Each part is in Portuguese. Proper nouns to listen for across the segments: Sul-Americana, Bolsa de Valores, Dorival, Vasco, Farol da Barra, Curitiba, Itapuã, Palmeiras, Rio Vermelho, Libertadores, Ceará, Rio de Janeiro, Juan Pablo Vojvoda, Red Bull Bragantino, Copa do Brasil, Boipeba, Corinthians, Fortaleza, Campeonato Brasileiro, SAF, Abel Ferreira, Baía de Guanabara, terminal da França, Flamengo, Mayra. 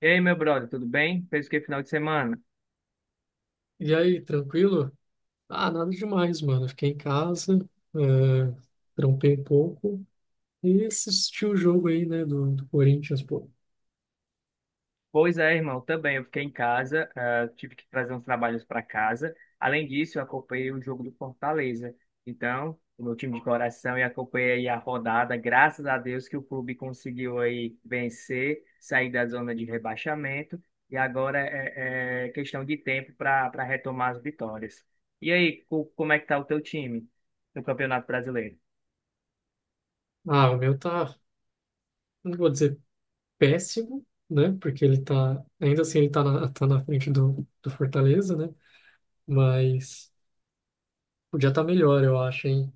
E aí, meu brother, tudo bem? Fez o que final de semana? E aí, tranquilo? Ah, nada demais, mano. Fiquei em casa, eh, trampei um pouco e assisti o jogo aí, né, do Corinthians, pô. Pois é, irmão, também. Eu fiquei em casa, ah, tive que trazer uns trabalhos para casa. Além disso, eu acompanhei o jogo do Fortaleza. Então, o meu time de coração, e acompanhei aí a rodada. Graças a Deus que o clube conseguiu aí vencer, sair da zona de rebaixamento. E agora é questão de tempo para retomar as vitórias. E aí, como é que tá o teu time no Campeonato Brasileiro? Ah, o meu tá, não vou dizer péssimo, né, porque ele tá, ainda assim ele tá na, tá na frente do Fortaleza, né, mas podia estar tá melhor, eu acho, hein.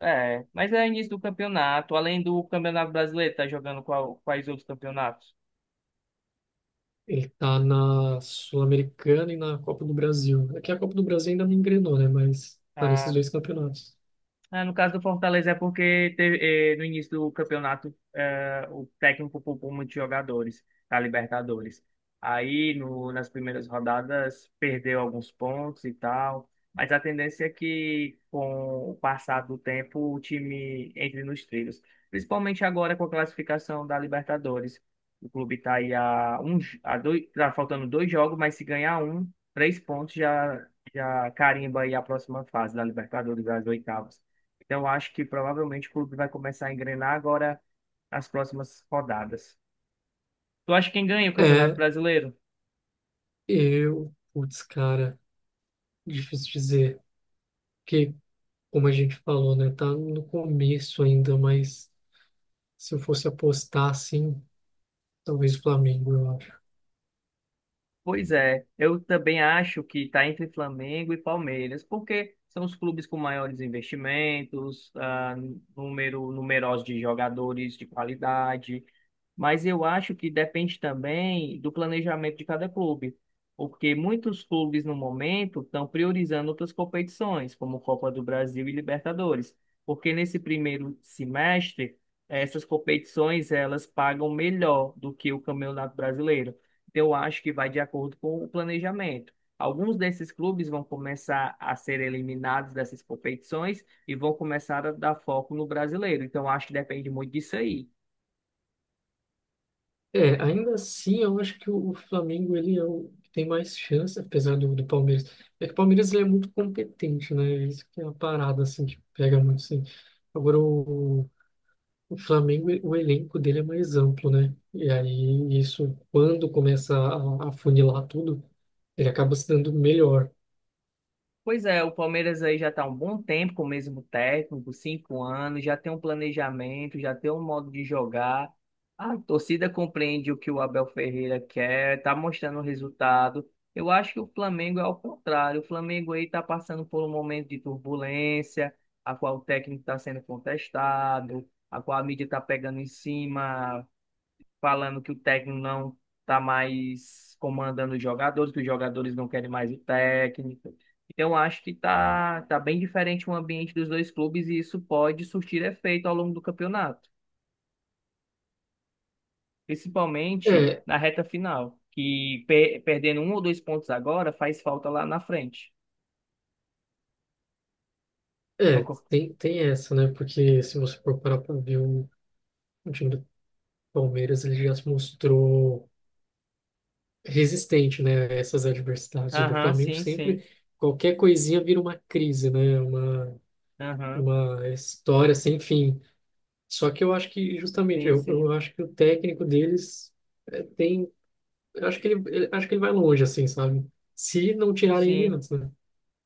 É, mas é início do campeonato. Além do Campeonato Brasileiro, tá jogando quais outros campeonatos? Ele tá na Sul-Americana e na Copa do Brasil. Aqui a Copa do Brasil ainda não engrenou, né, mas tá nesses Ah, dois campeonatos. No caso do Fortaleza é porque teve, no início do campeonato o técnico poupou muitos jogadores da Libertadores. Aí no, nas primeiras rodadas perdeu alguns pontos e tal, mas a tendência é que com o passar do tempo o time entre nos trilhos, principalmente agora com a classificação da Libertadores. O clube está aí a dois, tá faltando dois jogos, mas se ganhar três pontos já carimba aí a próxima fase da Libertadores, das oitavas. Então, eu acho que provavelmente o clube vai começar a engrenar agora nas próximas rodadas. Tu acha quem ganha o Campeonato É, Brasileiro? eu, putz, cara. Difícil dizer, porque, como a gente falou, né, tá no começo ainda, mas se eu fosse apostar assim, talvez o Flamengo, eu acho. Pois é, eu também acho que está entre Flamengo e Palmeiras, porque são os clubes com maiores investimentos, ah, número numerosos de jogadores de qualidade, mas eu acho que depende também do planejamento de cada clube, porque muitos clubes no momento estão priorizando outras competições, como Copa do Brasil e Libertadores, porque nesse primeiro semestre essas competições elas pagam melhor do que o Campeonato Brasileiro. Então, eu acho que vai de acordo com o planejamento. Alguns desses clubes vão começar a ser eliminados dessas competições e vão começar a dar foco no brasileiro. Então, eu acho que depende muito disso aí. É, ainda assim, eu acho que o Flamengo, ele é o que tem mais chance, apesar do Palmeiras. É que o Palmeiras, ele é muito competente, né, é isso que é uma parada, assim, que pega muito, assim. Agora, o Flamengo, o elenco dele é mais amplo, né, e aí isso, quando começa a funilar tudo, ele acaba se dando melhor. Pois é, o Palmeiras aí já está há um bom tempo com o mesmo técnico, 5 anos, já tem um planejamento, já tem um modo de jogar. A torcida compreende o que o Abel Ferreira quer, está mostrando o resultado. Eu acho que o Flamengo é ao contrário. O Flamengo aí está passando por um momento de turbulência, a qual o técnico está sendo contestado, a qual a mídia está pegando em cima, falando que o técnico não está mais comandando os jogadores, que os jogadores não querem mais o técnico. Então, acho que tá bem diferente o ambiente dos dois clubes e isso pode surtir efeito ao longo do campeonato, principalmente É, na reta final, que perdendo um ou dois pontos agora faz falta lá na frente. Não é, co- tem essa, né? Porque se você for parar pra ver o time do Palmeiras, ele já se mostrou resistente, né, a essas adversidades. O do Aham, Flamengo sim, sim. sempre, qualquer coisinha vira uma crise, né? Aham, Uma história sem fim. Só que eu acho que, justamente, sim, eu, sim. eu acho que o técnico deles é, tem. Eu acho que ele, acho que ele vai longe, assim, sabe? Se não tirarem ele Sim. antes, né?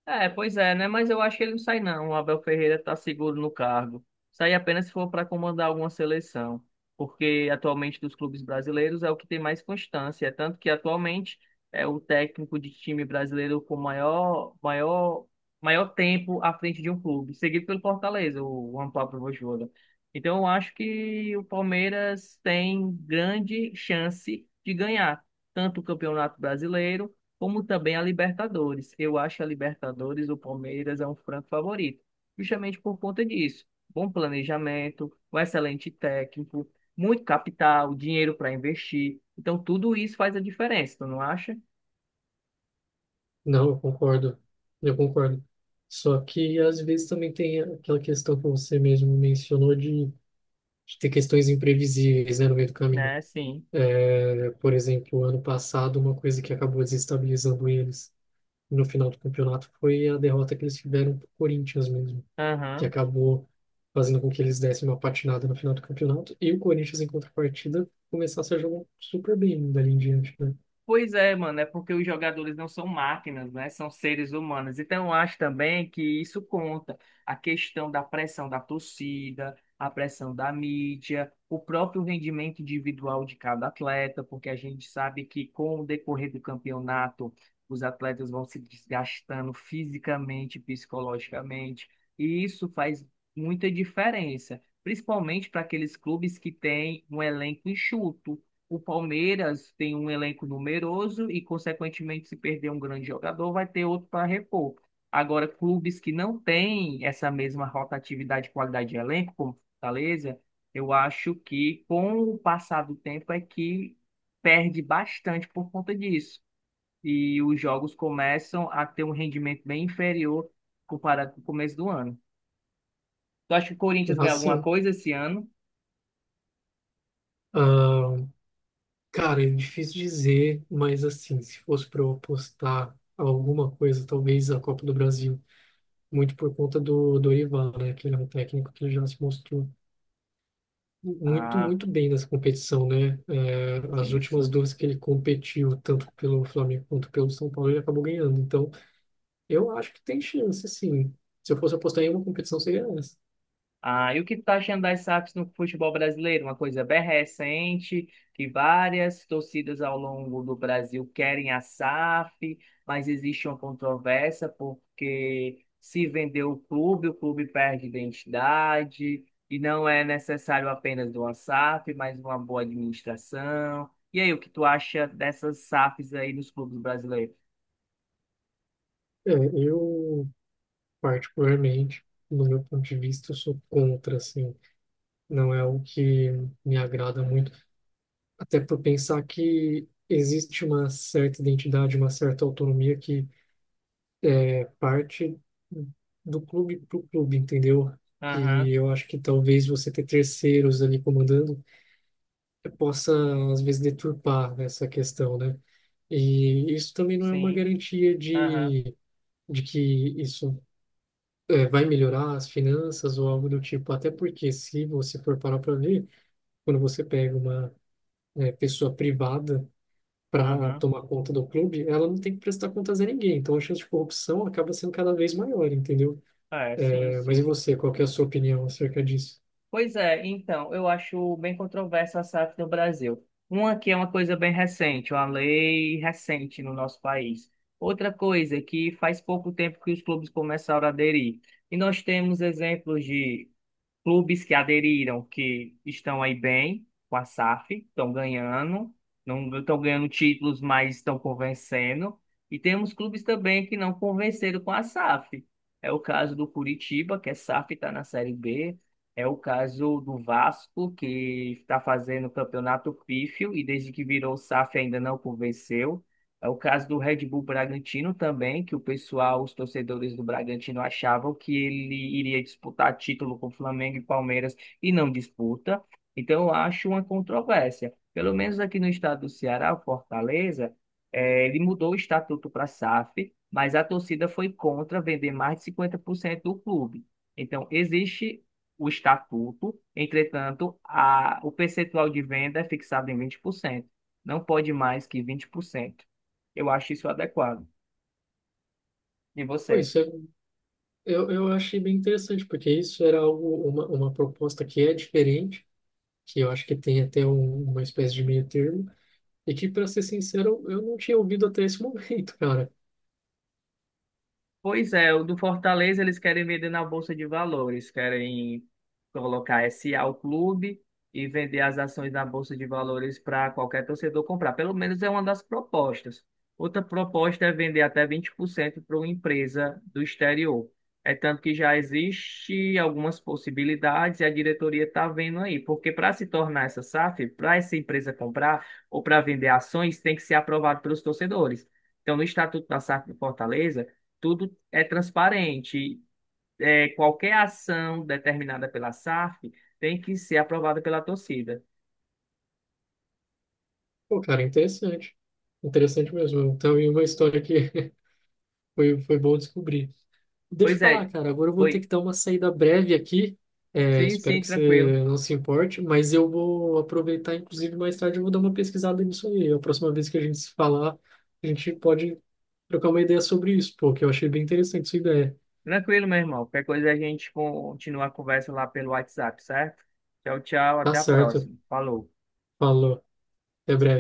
É, pois é, né? Mas eu acho que ele não sai, não. O Abel Ferreira está seguro no cargo. Sai apenas se for para comandar alguma seleção. Porque atualmente dos clubes brasileiros é o que tem mais constância. É tanto que atualmente é o técnico de time brasileiro com maior tempo à frente de um clube, seguido pelo Fortaleza, o Juan Pablo Vojvoda. Então eu acho que o Palmeiras tem grande chance de ganhar tanto o Campeonato Brasileiro como também a Libertadores. Eu acho a Libertadores, o Palmeiras é um franco favorito, justamente por conta disso. Bom planejamento, um excelente técnico, muito capital, dinheiro para investir. Então, tudo isso faz a diferença, tu não acha? Não, eu concordo. Eu concordo. Só que às vezes também tem aquela questão que você mesmo mencionou de ter questões imprevisíveis, né, no meio do caminho. É, sim. É, por exemplo, ano passado, uma coisa que acabou desestabilizando eles no final do campeonato foi a derrota que eles tiveram para o Corinthians mesmo, que Aham. acabou fazendo com que eles dessem uma patinada no final do campeonato e o Corinthians, em contrapartida, começasse a jogar super bem dali em diante, né? Pois é, mano, é porque os jogadores não são máquinas, né? São seres humanos. Então, eu acho também que isso conta. A questão da pressão da torcida, a pressão da mídia, o próprio rendimento individual de cada atleta, porque a gente sabe que com o decorrer do campeonato, os atletas vão se desgastando fisicamente, psicologicamente, e isso faz muita diferença, principalmente para aqueles clubes que têm um elenco enxuto. O Palmeiras tem um elenco numeroso e, consequentemente, se perder um grande jogador, vai ter outro para repor. Agora, clubes que não têm essa mesma rotatividade e qualidade de elenco, como Fortaleza, eu acho que, com o passar do tempo, é que perde bastante por conta disso. E os jogos começam a ter um rendimento bem inferior comparado com o começo do ano. Tu acha que o Corinthians ganha alguma Assim, coisa esse ano? ah, cara, é difícil dizer, mas assim, se fosse para eu apostar alguma coisa, talvez a Copa do Brasil, muito por conta do Dorival, né? Que ele é um técnico que já se mostrou muito, Ah, muito bem nessa competição, né? É, as sim, últimas sim. duas que ele competiu, tanto pelo Flamengo quanto pelo São Paulo, ele acabou ganhando. Então, eu acho que tem chance, sim. Se eu fosse apostar em uma competição, seria essa. Ah, e o que tu tá achando das SAFs no futebol brasileiro? Uma coisa bem recente, que várias torcidas ao longo do Brasil querem a SAF, mas existe uma controvérsia porque se vender o clube perde identidade, e não é necessário apenas de uma SAF, mas uma boa administração. E aí, o que tu acha dessas SAFs aí nos clubes brasileiros? É, eu, particularmente, no meu ponto de vista, eu sou contra, assim. Não é o que me agrada muito. Até por pensar que existe uma certa identidade, uma certa autonomia que é parte do clube para o clube, entendeu? Aham, Que eu acho que talvez você ter terceiros ali comandando possa, às vezes, deturpar essa questão, né? E isso também não é uma sim, garantia aham, de que isso vai melhorar as finanças ou algo do tipo. Até porque, se você for parar para ver, quando você pega uma pessoa privada, para aham. tomar conta do clube, ela não tem que prestar contas a ninguém. Então a chance de corrupção acaba sendo cada vez maior, entendeu? É, sim, É, mas e sim. você, qual que é a sua opinião acerca disso? Pois é, então, eu acho bem controversa a SAF no Brasil. Uma que é uma coisa bem recente, uma lei recente no nosso país. Outra coisa é que faz pouco tempo que os clubes começaram a aderir. E nós temos exemplos de clubes que aderiram, que estão aí bem com a SAF, estão ganhando, não estão ganhando títulos, mas estão convencendo. E temos clubes também que não convenceram com a SAF. É o caso do Curitiba, que é SAF, está na Série B. É o caso do Vasco, que está fazendo o campeonato pífio e desde que virou SAF ainda não convenceu. É o caso do Red Bull Bragantino também, que o pessoal, os torcedores do Bragantino achavam que ele iria disputar título com Flamengo e Palmeiras e não disputa. Então, eu acho uma controvérsia. Pelo menos aqui no estado do Ceará, o Fortaleza, ele mudou o estatuto para SAF, mas a torcida foi contra vender mais de 50% do clube. Então, existe o estatuto, entretanto, o percentual de venda é fixado em 20%. Não pode mais que 20%. Eu acho isso adequado. E você? Pois é, eu achei bem interessante, porque isso era algo, uma proposta que é diferente, que eu acho que tem até uma espécie de meio termo, e que, para ser sincero, eu não tinha ouvido até esse momento, cara. Pois é, o do Fortaleza eles querem vender na Bolsa de Valores, querem colocar SA ao clube e vender as ações na Bolsa de Valores para qualquer torcedor comprar. Pelo menos é uma das propostas. Outra proposta é vender até 20% para uma empresa do exterior. É tanto que já existe algumas possibilidades e a diretoria está vendo aí, porque para se tornar essa SAF, para essa empresa comprar ou para vender ações, tem que ser aprovado pelos torcedores. Então, no Estatuto da SAF de Fortaleza, tudo é transparente. É, qualquer ação determinada pela SAF tem que ser aprovada pela torcida. Pô, cara, interessante. Interessante mesmo. Então, e uma história que foi, foi bom descobrir. Deixa eu Pois falar, é, cara. Agora eu vou ter que foi. dar uma saída breve aqui. É, Sim, espero sim, que tranquilo. você não se importe, mas eu vou aproveitar, inclusive, mais tarde eu vou dar uma pesquisada nisso aí. A próxima vez que a gente se falar, a gente pode trocar uma ideia sobre isso, pô, que eu achei bem interessante sua ideia. Tranquilo, meu irmão. Qualquer coisa a gente continua a conversa lá pelo WhatsApp, certo? Tchau, tchau, Tá até a certo. próxima. Falou. Falou. Até breve.